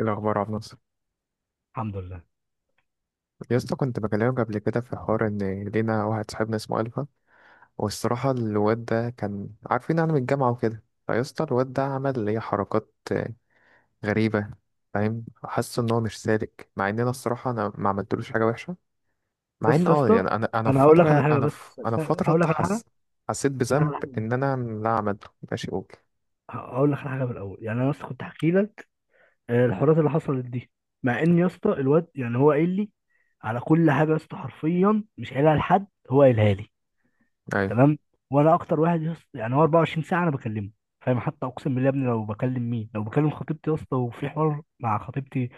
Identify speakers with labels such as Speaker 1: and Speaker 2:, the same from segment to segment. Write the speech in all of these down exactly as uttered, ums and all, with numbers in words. Speaker 1: إيه الأخبار يا عبد الناصر؟
Speaker 2: الحمد لله.
Speaker 1: يا اسطى، كنت بكلمك قبل كده في حوار إن لينا واحد صاحبنا اسمه ألفا. والصراحة الواد ده كان عارفين يعني من الجامعة وكده. فيا اسطى الواد ده عمل اللي هي حركات آه، غريبة. فاهم؟ حاسس إن هو مش سالك، مع إن أنا الصراحة أنا ما عملتلوش حاجة وحشة. مع إن
Speaker 2: بص يا
Speaker 1: أه
Speaker 2: اسطى،
Speaker 1: يعني أنا أنا
Speaker 2: انا
Speaker 1: في
Speaker 2: هقول لك
Speaker 1: فترة،
Speaker 2: على
Speaker 1: يعني
Speaker 2: حاجه
Speaker 1: أنا في
Speaker 2: بس
Speaker 1: أنا في
Speaker 2: عشان-
Speaker 1: فترة
Speaker 2: هقول لك على حاجه
Speaker 1: حس حسيت
Speaker 2: هقول لك
Speaker 1: بذنب
Speaker 2: على حاجه
Speaker 1: إن أنا لا عملته. ماشي، أقول
Speaker 2: هقول لك على حاجه من الاول. يعني انا اصلا كنت احكي لك آه، الحوارات اللي حصلت دي. مع ان يا اسطى الواد، يعني هو قايل لي على كل حاجه يا اسطى، حرفيا مش قايلها لحد، هو قايلها لي.
Speaker 1: أيوه
Speaker 2: تمام. وانا اكتر واحد يا اسطى، يعني هو 24 ساعه انا بكلمه، فاهم؟ حتى اقسم بالله يا ابني، لو بكلم مين؟ لو بكلم خطيبتي يا اسطى، وفي حوار مع خطيبتي،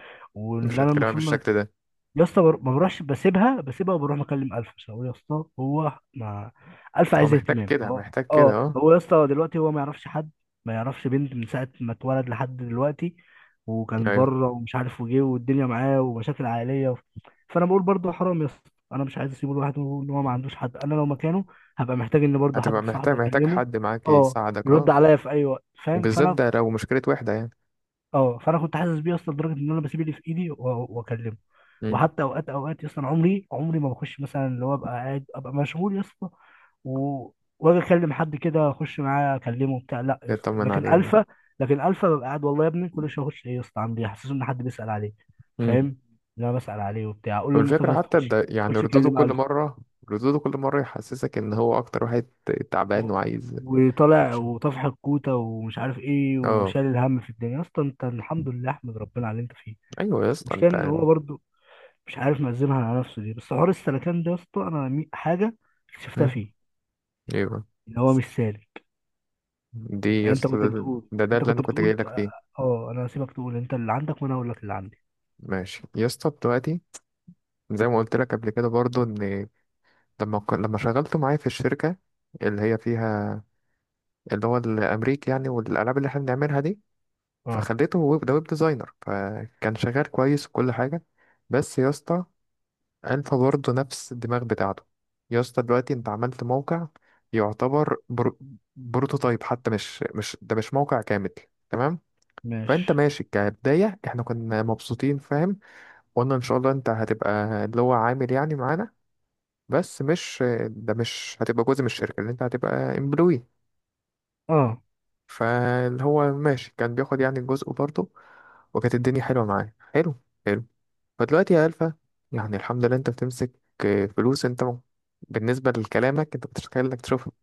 Speaker 1: مش
Speaker 2: واللي انا
Speaker 1: هتكلم
Speaker 2: المفروض ما
Speaker 1: بالشكل ده.
Speaker 2: يا اسطى بر- ما بروحش، بسيبها بسيبها وبروح مكلم الف، عشان هو يا اسطى هو ما، الف
Speaker 1: هو
Speaker 2: عايز
Speaker 1: محتاج
Speaker 2: اهتمام.
Speaker 1: كده،
Speaker 2: اه،
Speaker 1: محتاج كده،
Speaker 2: اه،
Speaker 1: أه.
Speaker 2: هو يا اسطى دلوقتي هو ما يعرفش حد، ما يعرفش بنت من ساعه ما اتولد لحد دلوقتي، وكان
Speaker 1: أيوه،
Speaker 2: بره ومش عارف وجه، والدنيا معاه ومشاكل عائليه و... فانا بقول برضه حرام يا اسطى، انا مش عايز اسيبه لوحده. ان هو ما عندوش حد، انا لو مكانه هبقى محتاج ان برضه
Speaker 1: هتبقى
Speaker 2: حد
Speaker 1: محتاج،
Speaker 2: صاحب
Speaker 1: محتاج
Speaker 2: اكلمه،
Speaker 1: حد معاك
Speaker 2: اه،
Speaker 1: يساعدك،
Speaker 2: يرد
Speaker 1: أه.
Speaker 2: عليا في اي وقت، فاهم؟
Speaker 1: بالذات
Speaker 2: فانا
Speaker 1: ده لو مشكلة وحدة يعني.
Speaker 2: اه فانا كنت حاسس بيه اصلا، لدرجه ان انا بسيب اللي في ايدي و- واكلمه.
Speaker 1: امم،
Speaker 2: وحتى اوقات اوقات اصلا، عمري عمري ما بخش، مثلا اللي هو ابقى قاعد، ابقى مشغول يا اسطى و- واجي اكلم حد كده، اخش معاه اكلمه بتاع، لا يا اسطى.
Speaker 1: يطمن
Speaker 2: لكن
Speaker 1: عليه، اه.
Speaker 2: الفا لكن الفا ببقى قاعد، والله يا ابني كل شويه اخش، ايه يا اسطى عامل ايه؟ حاسس ان حد بيسال عليه،
Speaker 1: امم.
Speaker 2: فاهم؟ ان انا بسال عليه وبتاع، اقول لمصطفى
Speaker 1: والفكرة
Speaker 2: يا اسطى
Speaker 1: حتى
Speaker 2: خش،
Speaker 1: ده يعني
Speaker 2: خش
Speaker 1: ردوده
Speaker 2: كلم
Speaker 1: كل
Speaker 2: الفا.
Speaker 1: مرة، ردوده كل مرة يحسسك ان هو اكتر واحد تعبان وعايز
Speaker 2: وطالع،
Speaker 1: اوبشن.
Speaker 2: وطفح الكوته، ومش عارف ايه،
Speaker 1: اه.
Speaker 2: وشال الهم في الدنيا، يا اسطى انت الحمد لله، احمد ربنا على اللي انت فيه.
Speaker 1: ايوه يا اسطى
Speaker 2: مشكلة
Speaker 1: انت.
Speaker 2: ان هو برضو مش عارف منزلها على نفسه دي، بس حوار السلكان ده يا اسطى، انا مي- حاجه اكتشفتها
Speaker 1: امم.
Speaker 2: فيه،
Speaker 1: ايوه.
Speaker 2: ان هو مش سالك.
Speaker 1: دي يا
Speaker 2: يعني انت
Speaker 1: اسطى
Speaker 2: كنت
Speaker 1: ده,
Speaker 2: بتقول
Speaker 1: ده ده
Speaker 2: انت
Speaker 1: اللي
Speaker 2: كنت
Speaker 1: انا كنت جاي
Speaker 2: بتقول
Speaker 1: لك فيه.
Speaker 2: اه، انا هسيبك تقول انت اللي عندك، وانا هقول لك اللي عندي.
Speaker 1: ماشي يا اسطى دلوقتي، زي ما قلت لك قبل كده برضو ان لما ك- لما شغلته معايا في الشركة اللي هي فيها، اللي هو الامريكي يعني، والالعاب اللي احنا بنعملها دي،
Speaker 2: اه،
Speaker 1: فخليته ويب، ده ويب ديزاينر. فكان شغال كويس وكل حاجة. بس يا اسطى الفا برضه نفس الدماغ بتاعته. يا اسطى دلوقتي انت عملت موقع يعتبر برو... بروتوتايب، حتى مش مش ده مش موقع كامل. تمام؟ فانت
Speaker 2: ماشي.
Speaker 1: ماشي كبداية، احنا كنا مبسوطين، فاهم؟ قلنا ان شاء الله انت هتبقى اللي هو عامل يعني معانا، بس مش ده، مش هتبقى جزء من الشركة، اللي انت هتبقى امبلوي.
Speaker 2: اه،
Speaker 1: فاللي هو ماشي كان بياخد يعني جزء برضه. وكانت الدنيا حلوة معاه، حلو، حلو. فدلوقتي يا ألفا، يعني الحمد لله انت بتمسك آه، فلوس. انت م- بالنسبة لكلامك انت بتتخيل انك تشوفها.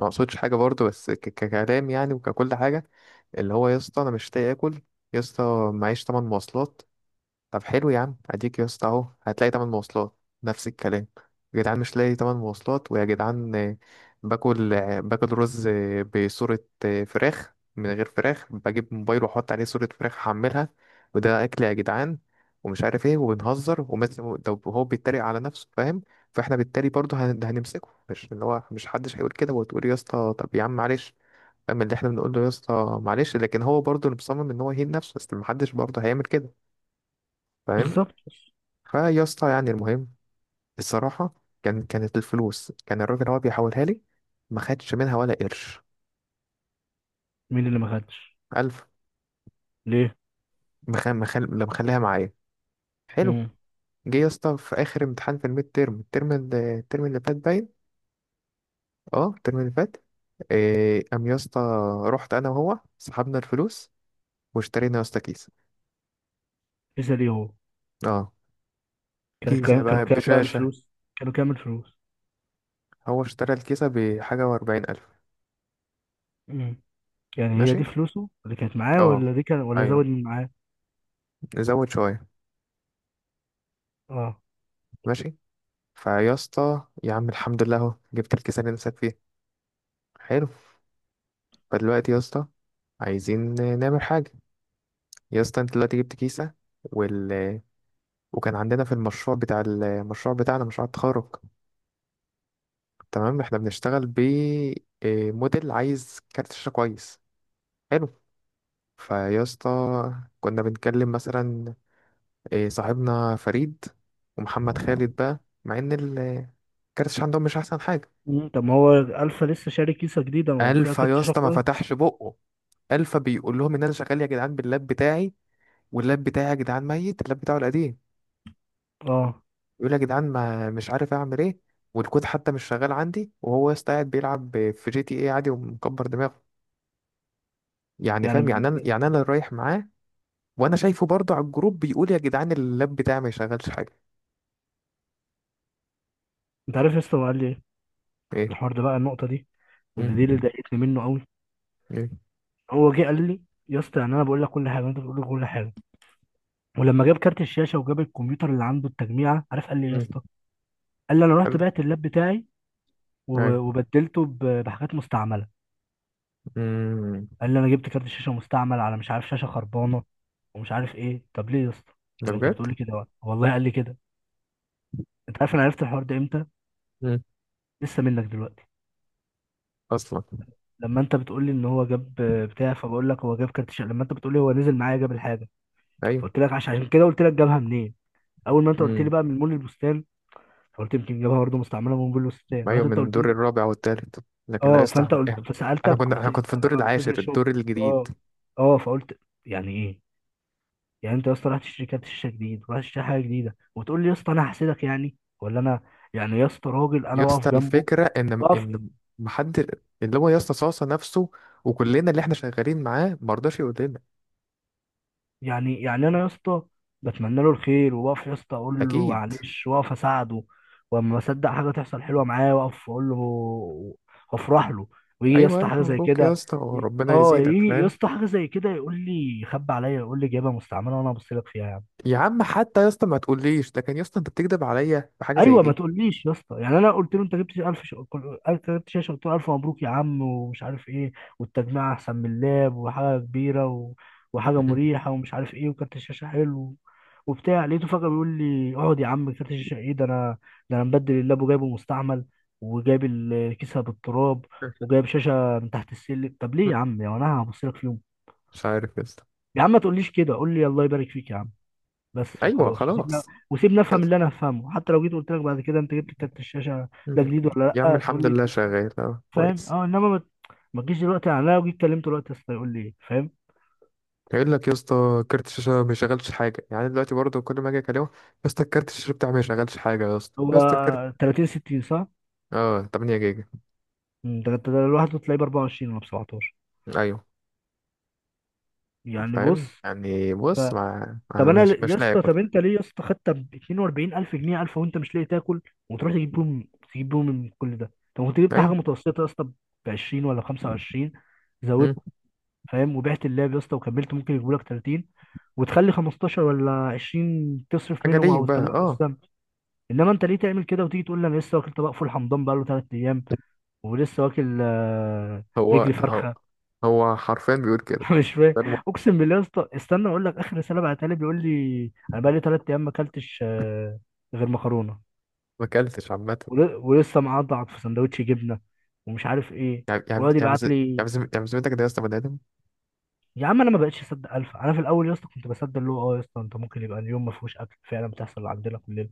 Speaker 1: ما اقصدش حاجة برضو، بس ك- ككلام يعني، وككل حاجة. اللي هو يا اسطى انا مش لاقي اكل، يا اسطى معيش تمن مواصلات. طب حلو يا عم، اديك يا اسطى اهو، هتلاقي تمن مواصلات. نفس الكلام، يا جدعان مش لاقي تمن مواصلات، ويا جدعان آه، باكل آه، باكل رز آه، بصورة آه، فراخ من غير فراخ، بجيب موبايل واحط عليه صورة فراخ احملها، وده اكل يا جدعان. ومش عارف ايه، وبنهزر، ومثل ده هو بيتريق على نفسه، فاهم؟ فاحنا بالتالي برضه هن- هنمسكه، مش اللي هو، مش حدش هيقول كده وتقول يا اسطى طب يا عم معلش، فاهم؟ اللي احنا بنقول له يا اسطى معلش، لكن هو برضه اللي مصمم ان هو يهين نفسه، بس محدش برضه هيعمل كده. فاهم؟
Speaker 2: بالظبط.
Speaker 1: فيا اسطى يعني المهم، الصراحة، كان كانت الفلوس كان الراجل هو بيحولها لي، ما خدش منها ولا قرش.
Speaker 2: مين اللي ما خدش؟
Speaker 1: ألف.
Speaker 2: ليه؟
Speaker 1: مخ... مخ... اللي مخليها معايا. حلو.
Speaker 2: امم.
Speaker 1: جه يا اسطى في آخر امتحان في الميد تيرم، الترم اللي- الترم اللي فات، باين. اه الترم اللي فات. إيه... قام يا اسطى رحت أنا وهو سحبنا الفلوس واشترينا يا اسطى كيسة.
Speaker 2: لسه؟ ليه هو؟
Speaker 1: اه.
Speaker 2: كان
Speaker 1: كيسة
Speaker 2: كام كانوا
Speaker 1: بقى
Speaker 2: كام بقى
Speaker 1: بشاشة.
Speaker 2: الفلوس؟ كانوا كام الفلوس؟
Speaker 1: هو اشترى الكيسة بحاجة وأربعين ألف.
Speaker 2: امم. يعني هي
Speaker 1: ماشي.
Speaker 2: دي فلوسه اللي كانت معاه،
Speaker 1: اه.
Speaker 2: ولا دي كان، ولا
Speaker 1: أيوه.
Speaker 2: زود من معاه؟
Speaker 1: نزود شوية.
Speaker 2: اه.
Speaker 1: ماشي. فيا اسطى يا عم الحمد لله اهو، جبت الكيسان اللي نفسك فيه. حلو. فدلوقتي يا اسطى عايزين نعمل حاجة. يا اسطى انت دلوقتي جبت كيسة، وال... وكان عندنا في المشروع بتاع المشروع بتاعنا، مشروع التخرج. تمام؟ احنا بنشتغل ب إيه، موديل عايز كارت شاشة كويس. حلو. فيا اسطى كنا بنتكلم مثلا إيه، صاحبنا فريد ومحمد خالد بقى، مع ان ال- كارت الشاشة عندهم مش احسن حاجة.
Speaker 2: مم. طب ما هو الفا لسه شاري كيسه جديده، ما هو فيها
Speaker 1: الف
Speaker 2: كارت
Speaker 1: يا
Speaker 2: شاشه
Speaker 1: اسطى ما
Speaker 2: كويس؟
Speaker 1: فتحش بقه. الفا بيقول لهم ان انا شغال يا جدعان باللاب بتاعي، واللاب بتاعي يا جدعان ميت، اللاب بتاعه القديم.
Speaker 2: اه،
Speaker 1: يقول يا جدعان، ما مش عارف اعمل ايه، والكود حتى مش شغال عندي، وهو يا اسطى قاعد بيلعب في جي تي ايه عادي ومكبر دماغه. يعني
Speaker 2: يعني
Speaker 1: فاهم؟
Speaker 2: ب-
Speaker 1: يعني انا يعني انا اللي رايح معاه. وانا شايفه برضه على الجروب بيقول يا جدعان اللاب بتاعي ما يشغلش حاجه.
Speaker 2: انت عارف يا اسطى هو قال لي إيه؟
Speaker 1: ايه.
Speaker 2: الحوار ده بقى، النقطه دي واللي دي اللي
Speaker 1: مم.
Speaker 2: ضايقتني منه قوي.
Speaker 1: ايه.
Speaker 2: هو جه قال لي، يا اسطى يعني انا بقول لك كل حاجه، وانت بتقول لي كل حاجه. ولما جاب كارت الشاشه، وجاب الكمبيوتر اللي عنده، التجميعه، عارف قال لي إيه يا
Speaker 1: مم.
Speaker 2: اسطى؟ قال لي انا
Speaker 1: قال
Speaker 2: رحت
Speaker 1: له،
Speaker 2: بعت اللاب بتاعي، وب-
Speaker 1: ايه.
Speaker 2: وبدلته ب- بحاجات مستعمله.
Speaker 1: امم.
Speaker 2: قال لي انا جبت كارت شاشه مستعمل، على مش عارف شاشه خربانه، ومش عارف ايه. طب ليه يا اسطى؟
Speaker 1: ده
Speaker 2: طب انت
Speaker 1: بجد.
Speaker 2: بتقول لي كده بقى، والله قال لي كده. انت عارف انا عرفت الحوار ده امتى؟
Speaker 1: مم.
Speaker 2: لسه منك دلوقتي.
Speaker 1: اصلا.
Speaker 2: لما انت بتقول لي ان هو جاب بتاع، فبقول لك هو جاب كارت شاشه. لما انت بتقول لي هو نزل معايا جاب الحاجه، فقلت لك، عشان عشان كده قلت لك جابها منين. اول ما انت قلت
Speaker 1: ايوه.
Speaker 2: لي بقى من مول البستان، قلت يمكن جابها برضه مستعمله من مول البستان.
Speaker 1: أيوة،
Speaker 2: رحت انت
Speaker 1: من
Speaker 2: قلت
Speaker 1: الدور
Speaker 2: لي،
Speaker 1: الرابع والتالت، لكن لا
Speaker 2: اه،
Speaker 1: يصلح
Speaker 2: فانت
Speaker 1: مكان.
Speaker 2: قلت،
Speaker 1: أنا
Speaker 2: فسالتك
Speaker 1: كنت،
Speaker 2: قلت
Speaker 1: أنا
Speaker 2: لي
Speaker 1: كنت في
Speaker 2: انا
Speaker 1: الدور
Speaker 2: بقى من
Speaker 1: العاشر،
Speaker 2: فكره شوب.
Speaker 1: الدور الجديد.
Speaker 2: اه. اه فقلت، يعني ايه؟ يعني انت يا اسطى رحت شركات شاشه جديد، ورحت تشتري حاجه جديده، وتقول لي يا اسطى انا هحسدك يعني، ولا انا؟ يعني يا اسطى راجل انا
Speaker 1: يا اسطى
Speaker 2: واقف جنبه،
Speaker 1: الفكرة إن
Speaker 2: واقف.
Speaker 1: إن محد، اللي هو يا اسطى صاصة نفسه، وكلنا اللي إحنا شغالين معاه مرضاش يقول لنا.
Speaker 2: يعني يعني انا يا اسطى بتمنى له الخير، وبقف يا اسطى اقول له
Speaker 1: أكيد.
Speaker 2: معلش، واقف اساعده. واما بصدق حاجه تحصل حلوه معايا، واقف اقول له، وافرح له. ويجي يا
Speaker 1: أيوة،
Speaker 2: اسطى حاجه
Speaker 1: ألف
Speaker 2: زي
Speaker 1: مبروك يا
Speaker 2: كده،
Speaker 1: اسطى
Speaker 2: ي-
Speaker 1: وربنا
Speaker 2: اه
Speaker 1: يزيدك،
Speaker 2: يجي يا
Speaker 1: فاهم؟
Speaker 2: اسطى حاجه زي كده، يقول لي خبي عليا، يقول لي جايبها مستعمله وانا ابص لك فيها.
Speaker 1: يا عم حتى يا اسطى، ما تقوليش، لكن يا اسطى أنت بتكذب عليا في حاجة زي
Speaker 2: ايوه، ما
Speaker 1: دي.
Speaker 2: تقوليش يا اسطى. يعني انا قلت له انت جبت الف ش... كل- انت جبت شاشه. قلت له الف مبروك يا عم، ومش عارف ايه، والتجميع احسن من اللاب، وحاجه كبيره و... وحاجه
Speaker 1: مم.
Speaker 2: مريحه، ومش عارف ايه، وكارت الشاشه حلو، وبتاع. لقيته فجاه بيقول لي اقعد يا عم، كارت الشاشه ايه؟ ده انا ده انا مبدل اللاب وجايبه مستعمل، وجايب الكيسه بالتراب، وجايب شاشه من تحت السلم. طب ليه يا عم، يا انا هبص لك في يوم؟
Speaker 1: مش عارف يا اسطى.
Speaker 2: يا عم ما تقوليش كده، قول لي الله يبارك فيك يا عم، بس
Speaker 1: أيوة
Speaker 2: وخلاص. وسيبنا
Speaker 1: خلاص.
Speaker 2: وسيبنا افهم
Speaker 1: يلا.
Speaker 2: اللي انا هفهمه، حتى لو جيت قلت لك بعد كده انت جبت كارت الشاشه
Speaker 1: مم.
Speaker 2: ده جديد ولا
Speaker 1: يا عم
Speaker 2: لا، تقول
Speaker 1: الحمد
Speaker 2: لي
Speaker 1: لله
Speaker 2: جديد،
Speaker 1: شغال، أه
Speaker 2: فاهم؟
Speaker 1: كويس.
Speaker 2: اه انما ما ما تجيش دلوقتي، يعني انا لو جيت كلمته دلوقتي يا اسطى يقول لي ايه، فاهم؟
Speaker 1: قايل لك يا اسطى كارت الشاشه ما شغلش حاجه، يعني دلوقتي برضه كل ما اجي اكلمه، يا اسطى الكارت الشاشه بتاعي ما شغلش حاجه، يا اسطى،
Speaker 2: هو
Speaker 1: يا اسطى الكارت.
Speaker 2: ثلاثين ستين، صح؟
Speaker 1: اه، 8 جيجا.
Speaker 2: مم، ده انت لوحده تلاقيه ب اربعه وعشرين ولا ب سبعتاشر،
Speaker 1: ايوه.
Speaker 2: يعني
Speaker 1: فاهم
Speaker 2: بص.
Speaker 1: يعني
Speaker 2: ف
Speaker 1: بص، ما
Speaker 2: طب
Speaker 1: ما-
Speaker 2: انا
Speaker 1: مش
Speaker 2: ل- يا
Speaker 1: مش لاعب
Speaker 2: اسطى، طب
Speaker 1: برضه.
Speaker 2: انت ليه يا اسطى خدت ب اثنين واربعين الف جنيه، الف، وانت مش لاقي تاكل، وتروح تجيب بيهم، تجيب بيهم من كل ده؟ طب ما كنت جبت حاجه
Speaker 1: ايوه.
Speaker 2: متوسطه يا اسطى ب عشرين ولا خمسه و عشرين،
Speaker 1: مم.
Speaker 2: فاهم، وبعت اللاب يا اسطى وكملت، ممكن يجيبوا لك تلاتين، وتخلي خمستاشر ولا عشرين تصرف
Speaker 1: حاجه
Speaker 2: منهم
Speaker 1: ليك
Speaker 2: او
Speaker 1: بقى،
Speaker 2: تخليهم
Speaker 1: اه.
Speaker 2: قسطا. انما انت ليه تعمل كده، وتيجي تقول لي انا لسه واكل طبق فول حمضان بقاله ثلاث ايام، ولسه واكل آه،
Speaker 1: هو،
Speaker 2: رجلي
Speaker 1: هو،
Speaker 2: فرخه.
Speaker 1: هو حرفيا بيقول كده.
Speaker 2: مش فاهم.
Speaker 1: ده الم-
Speaker 2: اقسم بالله يا اسطى، استنى اقول لك، اخر رساله بعتها لي بيقول لي انا بقالي ثلاث ايام ما اكلتش آه، غير مكرونه،
Speaker 1: ما اكلتش عامه.
Speaker 2: ول- ولسه معضعض في سندوتش جبنه، ومش عارف ايه،
Speaker 1: يعني يعني
Speaker 2: ويقعد
Speaker 1: يعني بز-
Speaker 2: يبعت
Speaker 1: يعني
Speaker 2: لي.
Speaker 1: بز- يعني بذمتك ده يا اسطى بني ادم.
Speaker 2: يا عم انا ما بقتش اصدق الف. انا في الاول يا اسطى كنت بصدق، اللي هو اه يا اسطى انت ممكن يبقى اليوم ما فيهوش اكل، فعلا بتحصل عندنا كلنا.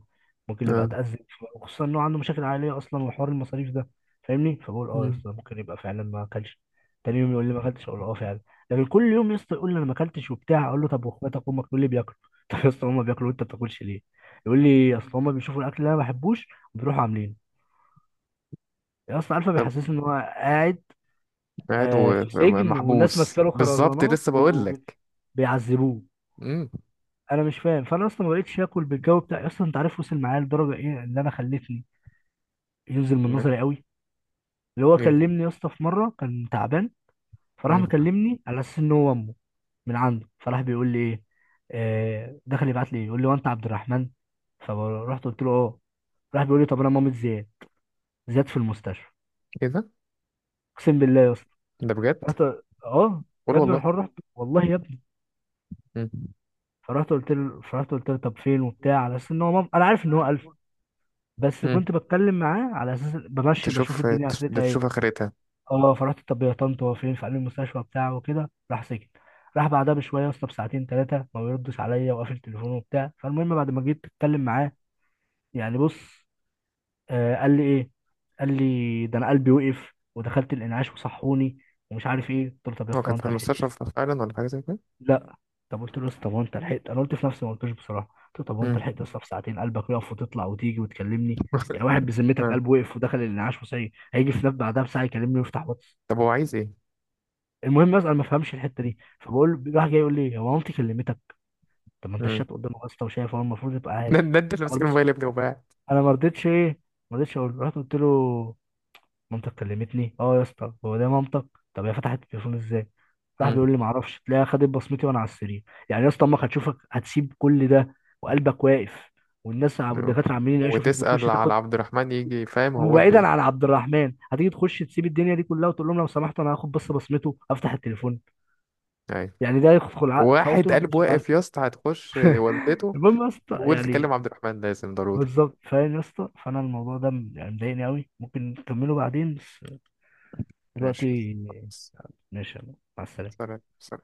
Speaker 2: ممكن يبقى
Speaker 1: اه.
Speaker 2: اتاذى، وخصوصا انه عنده مشاكل عائليه اصلا، وحوار المصاريف ده، فاهمني؟ فبقول اه يا
Speaker 1: مم.
Speaker 2: اسطى ممكن يبقى فعلا ما اكلش. تاني يوم يقول لي ما اكلتش، اقول اه فعلا. لكن كل يوم يا اسطى يقول لي انا ما اكلتش وبتاع، اقول له طب واخواتك وامك؟ يقول لي بياكلوا. طب يا اسطى هما بياكلوا، وانت ما بتاكلش ليه؟ يقول لي اصل هما بيشوفوا الاكل اللي انا ما بحبوش، وبيروحوا عاملينه. يا اسطى عارفه
Speaker 1: طب.
Speaker 2: بيحسسني ان هو قاعد
Speaker 1: قاعد
Speaker 2: آه، في سجن، والناس
Speaker 1: ومحبوس
Speaker 2: ماسكه له
Speaker 1: بالظبط،
Speaker 2: خرزانات،
Speaker 1: لسه بقول لك.
Speaker 2: وبيعذبوه،
Speaker 1: امم.
Speaker 2: انا مش فاهم. فانا اصلا ما بقتش اكل بالجو بتاعي اصلا، انت عارف وصل معايا لدرجه ايه؟ اللي انا خلتني ينزل من نظري قوي، اللي هو
Speaker 1: ايه.
Speaker 2: كلمني يا اسطى في مره كان تعبان، فراح
Speaker 1: مم.
Speaker 2: مكلمني على اساس ان هو امه من عنده، فراح بيقول لي ايه، آه دخل يبعت لي يقول لي، وانت عبد الرحمن؟ فرحت قلت له اه. راح بيقول لي، طب انا مامة زياد، زياد في المستشفى.
Speaker 1: كده.
Speaker 2: اقسم بالله يا اسطى،
Speaker 1: ده ده بجد.
Speaker 2: رحت. اه،
Speaker 1: قول
Speaker 2: يا ابن
Speaker 1: والله.
Speaker 2: الحر رحت، والله يا ابني.
Speaker 1: مم.
Speaker 2: فرحت قلت له فرحت قلت له طب فين وبتاع، على اساس ان هو مام... انا عارف ان هو، بس
Speaker 1: مم.
Speaker 2: كنت بتكلم معاه على اساس بمشي
Speaker 1: تشوف
Speaker 2: بشوف الدنيا
Speaker 1: تش-
Speaker 2: اخرتها ايه.
Speaker 1: بتشوف آخرتها.
Speaker 2: اه فرحت، طب يا طنط هو فين؟ فقال لي المستشفى بتاعه وكده، راح سكت. راح بعدها بشويه يا اسطى، بساعتين ثلاثه، ما بيردش عليا وقافل تليفونه وبتاع. فالمهم بعد ما جيت اتكلم معاه، يعني بص، آه قال لي ايه؟ قال لي ده انا قلبي وقف، ودخلت الانعاش وصحوني، ومش عارف ايه. قلت له طب يا
Speaker 1: هو
Speaker 2: اسطى
Speaker 1: كان
Speaker 2: هو
Speaker 1: في
Speaker 2: انت لحقت؟
Speaker 1: المستشفى فعلا ولا حاجة زي كده؟
Speaker 2: لا. طب قلت له يا اسطى هو انت لحقت، انا قلت في نفسي ما قلتوش بصراحه، قلت له طب هو انت لحقت يا
Speaker 1: مم.
Speaker 2: اسطى في ساعتين قلبك يقف، وتطلع، وتيجي، وتكلمني؟ يعني واحد بذمتك
Speaker 1: آه.
Speaker 2: قلبه وقف ودخل الانعاش وصحي، هيجي في نفس بعدها بساعه يكلمني ويفتح واتس؟
Speaker 1: طب هو عايز ايه؟
Speaker 2: المهم بس انا ما فهمش الحته دي، فبقول له- راح جاي يقول لي هو مامتي كلمتك. طب ما انت
Speaker 1: مم.
Speaker 2: الشات قدامك يا اسطى، وشايف، هو المفروض يبقى
Speaker 1: ده
Speaker 2: عارف.
Speaker 1: ده انت اللي
Speaker 2: انا ما
Speaker 1: ماسك
Speaker 2: رضيتش،
Speaker 1: الموبايل يا ابني وباعت.
Speaker 2: انا ما رضيتش ايه ما رضيتش اقول له. رحت قلت له، مامتك كلمتني اه يا اسطى، هو ده مامتك؟ طب هي فتحت التليفون ازاي؟ راح
Speaker 1: مم.
Speaker 2: بيقول لي معرفش، تلاقيها خدت بصمتي وانا على السرير. يعني يا اسطى امك هتشوفك، هتسيب كل ده، وقلبك واقف، والناس ع-
Speaker 1: آه.
Speaker 2: والدكاتره عمالين يعيشوا فيك، وتخش
Speaker 1: وتسأل على
Speaker 2: تاخد،
Speaker 1: عبد الرحمن يجي، فاهم؟ هو ولد ايه.
Speaker 2: وبعيدا عن عبد الرحمن، هتيجي تخش تسيب الدنيا دي كلها، وتقول لهم لو سمحتوا انا هاخد بس بصمته افتح التليفون؟
Speaker 1: أيوة.
Speaker 2: يعني ده يدخل عقل؟ فقلت
Speaker 1: واحد
Speaker 2: له
Speaker 1: قلب
Speaker 2: مش عارف.
Speaker 1: واقف يا اسطى هتخش والدته
Speaker 2: المهم يا اسطى،
Speaker 1: تقول تكلم
Speaker 2: يعني
Speaker 1: عبد الرحمن لازم ضروري.
Speaker 2: بالظبط، فاهم يا اسطى، فانا الموضوع ده يعني مضايقني قوي، ممكن نكمله بعدين، بس
Speaker 1: ماشي.
Speaker 2: دلوقتي
Speaker 1: خلاص.
Speaker 2: ماشي. يلا، مع السلامه.
Speaker 1: سلام، سلام.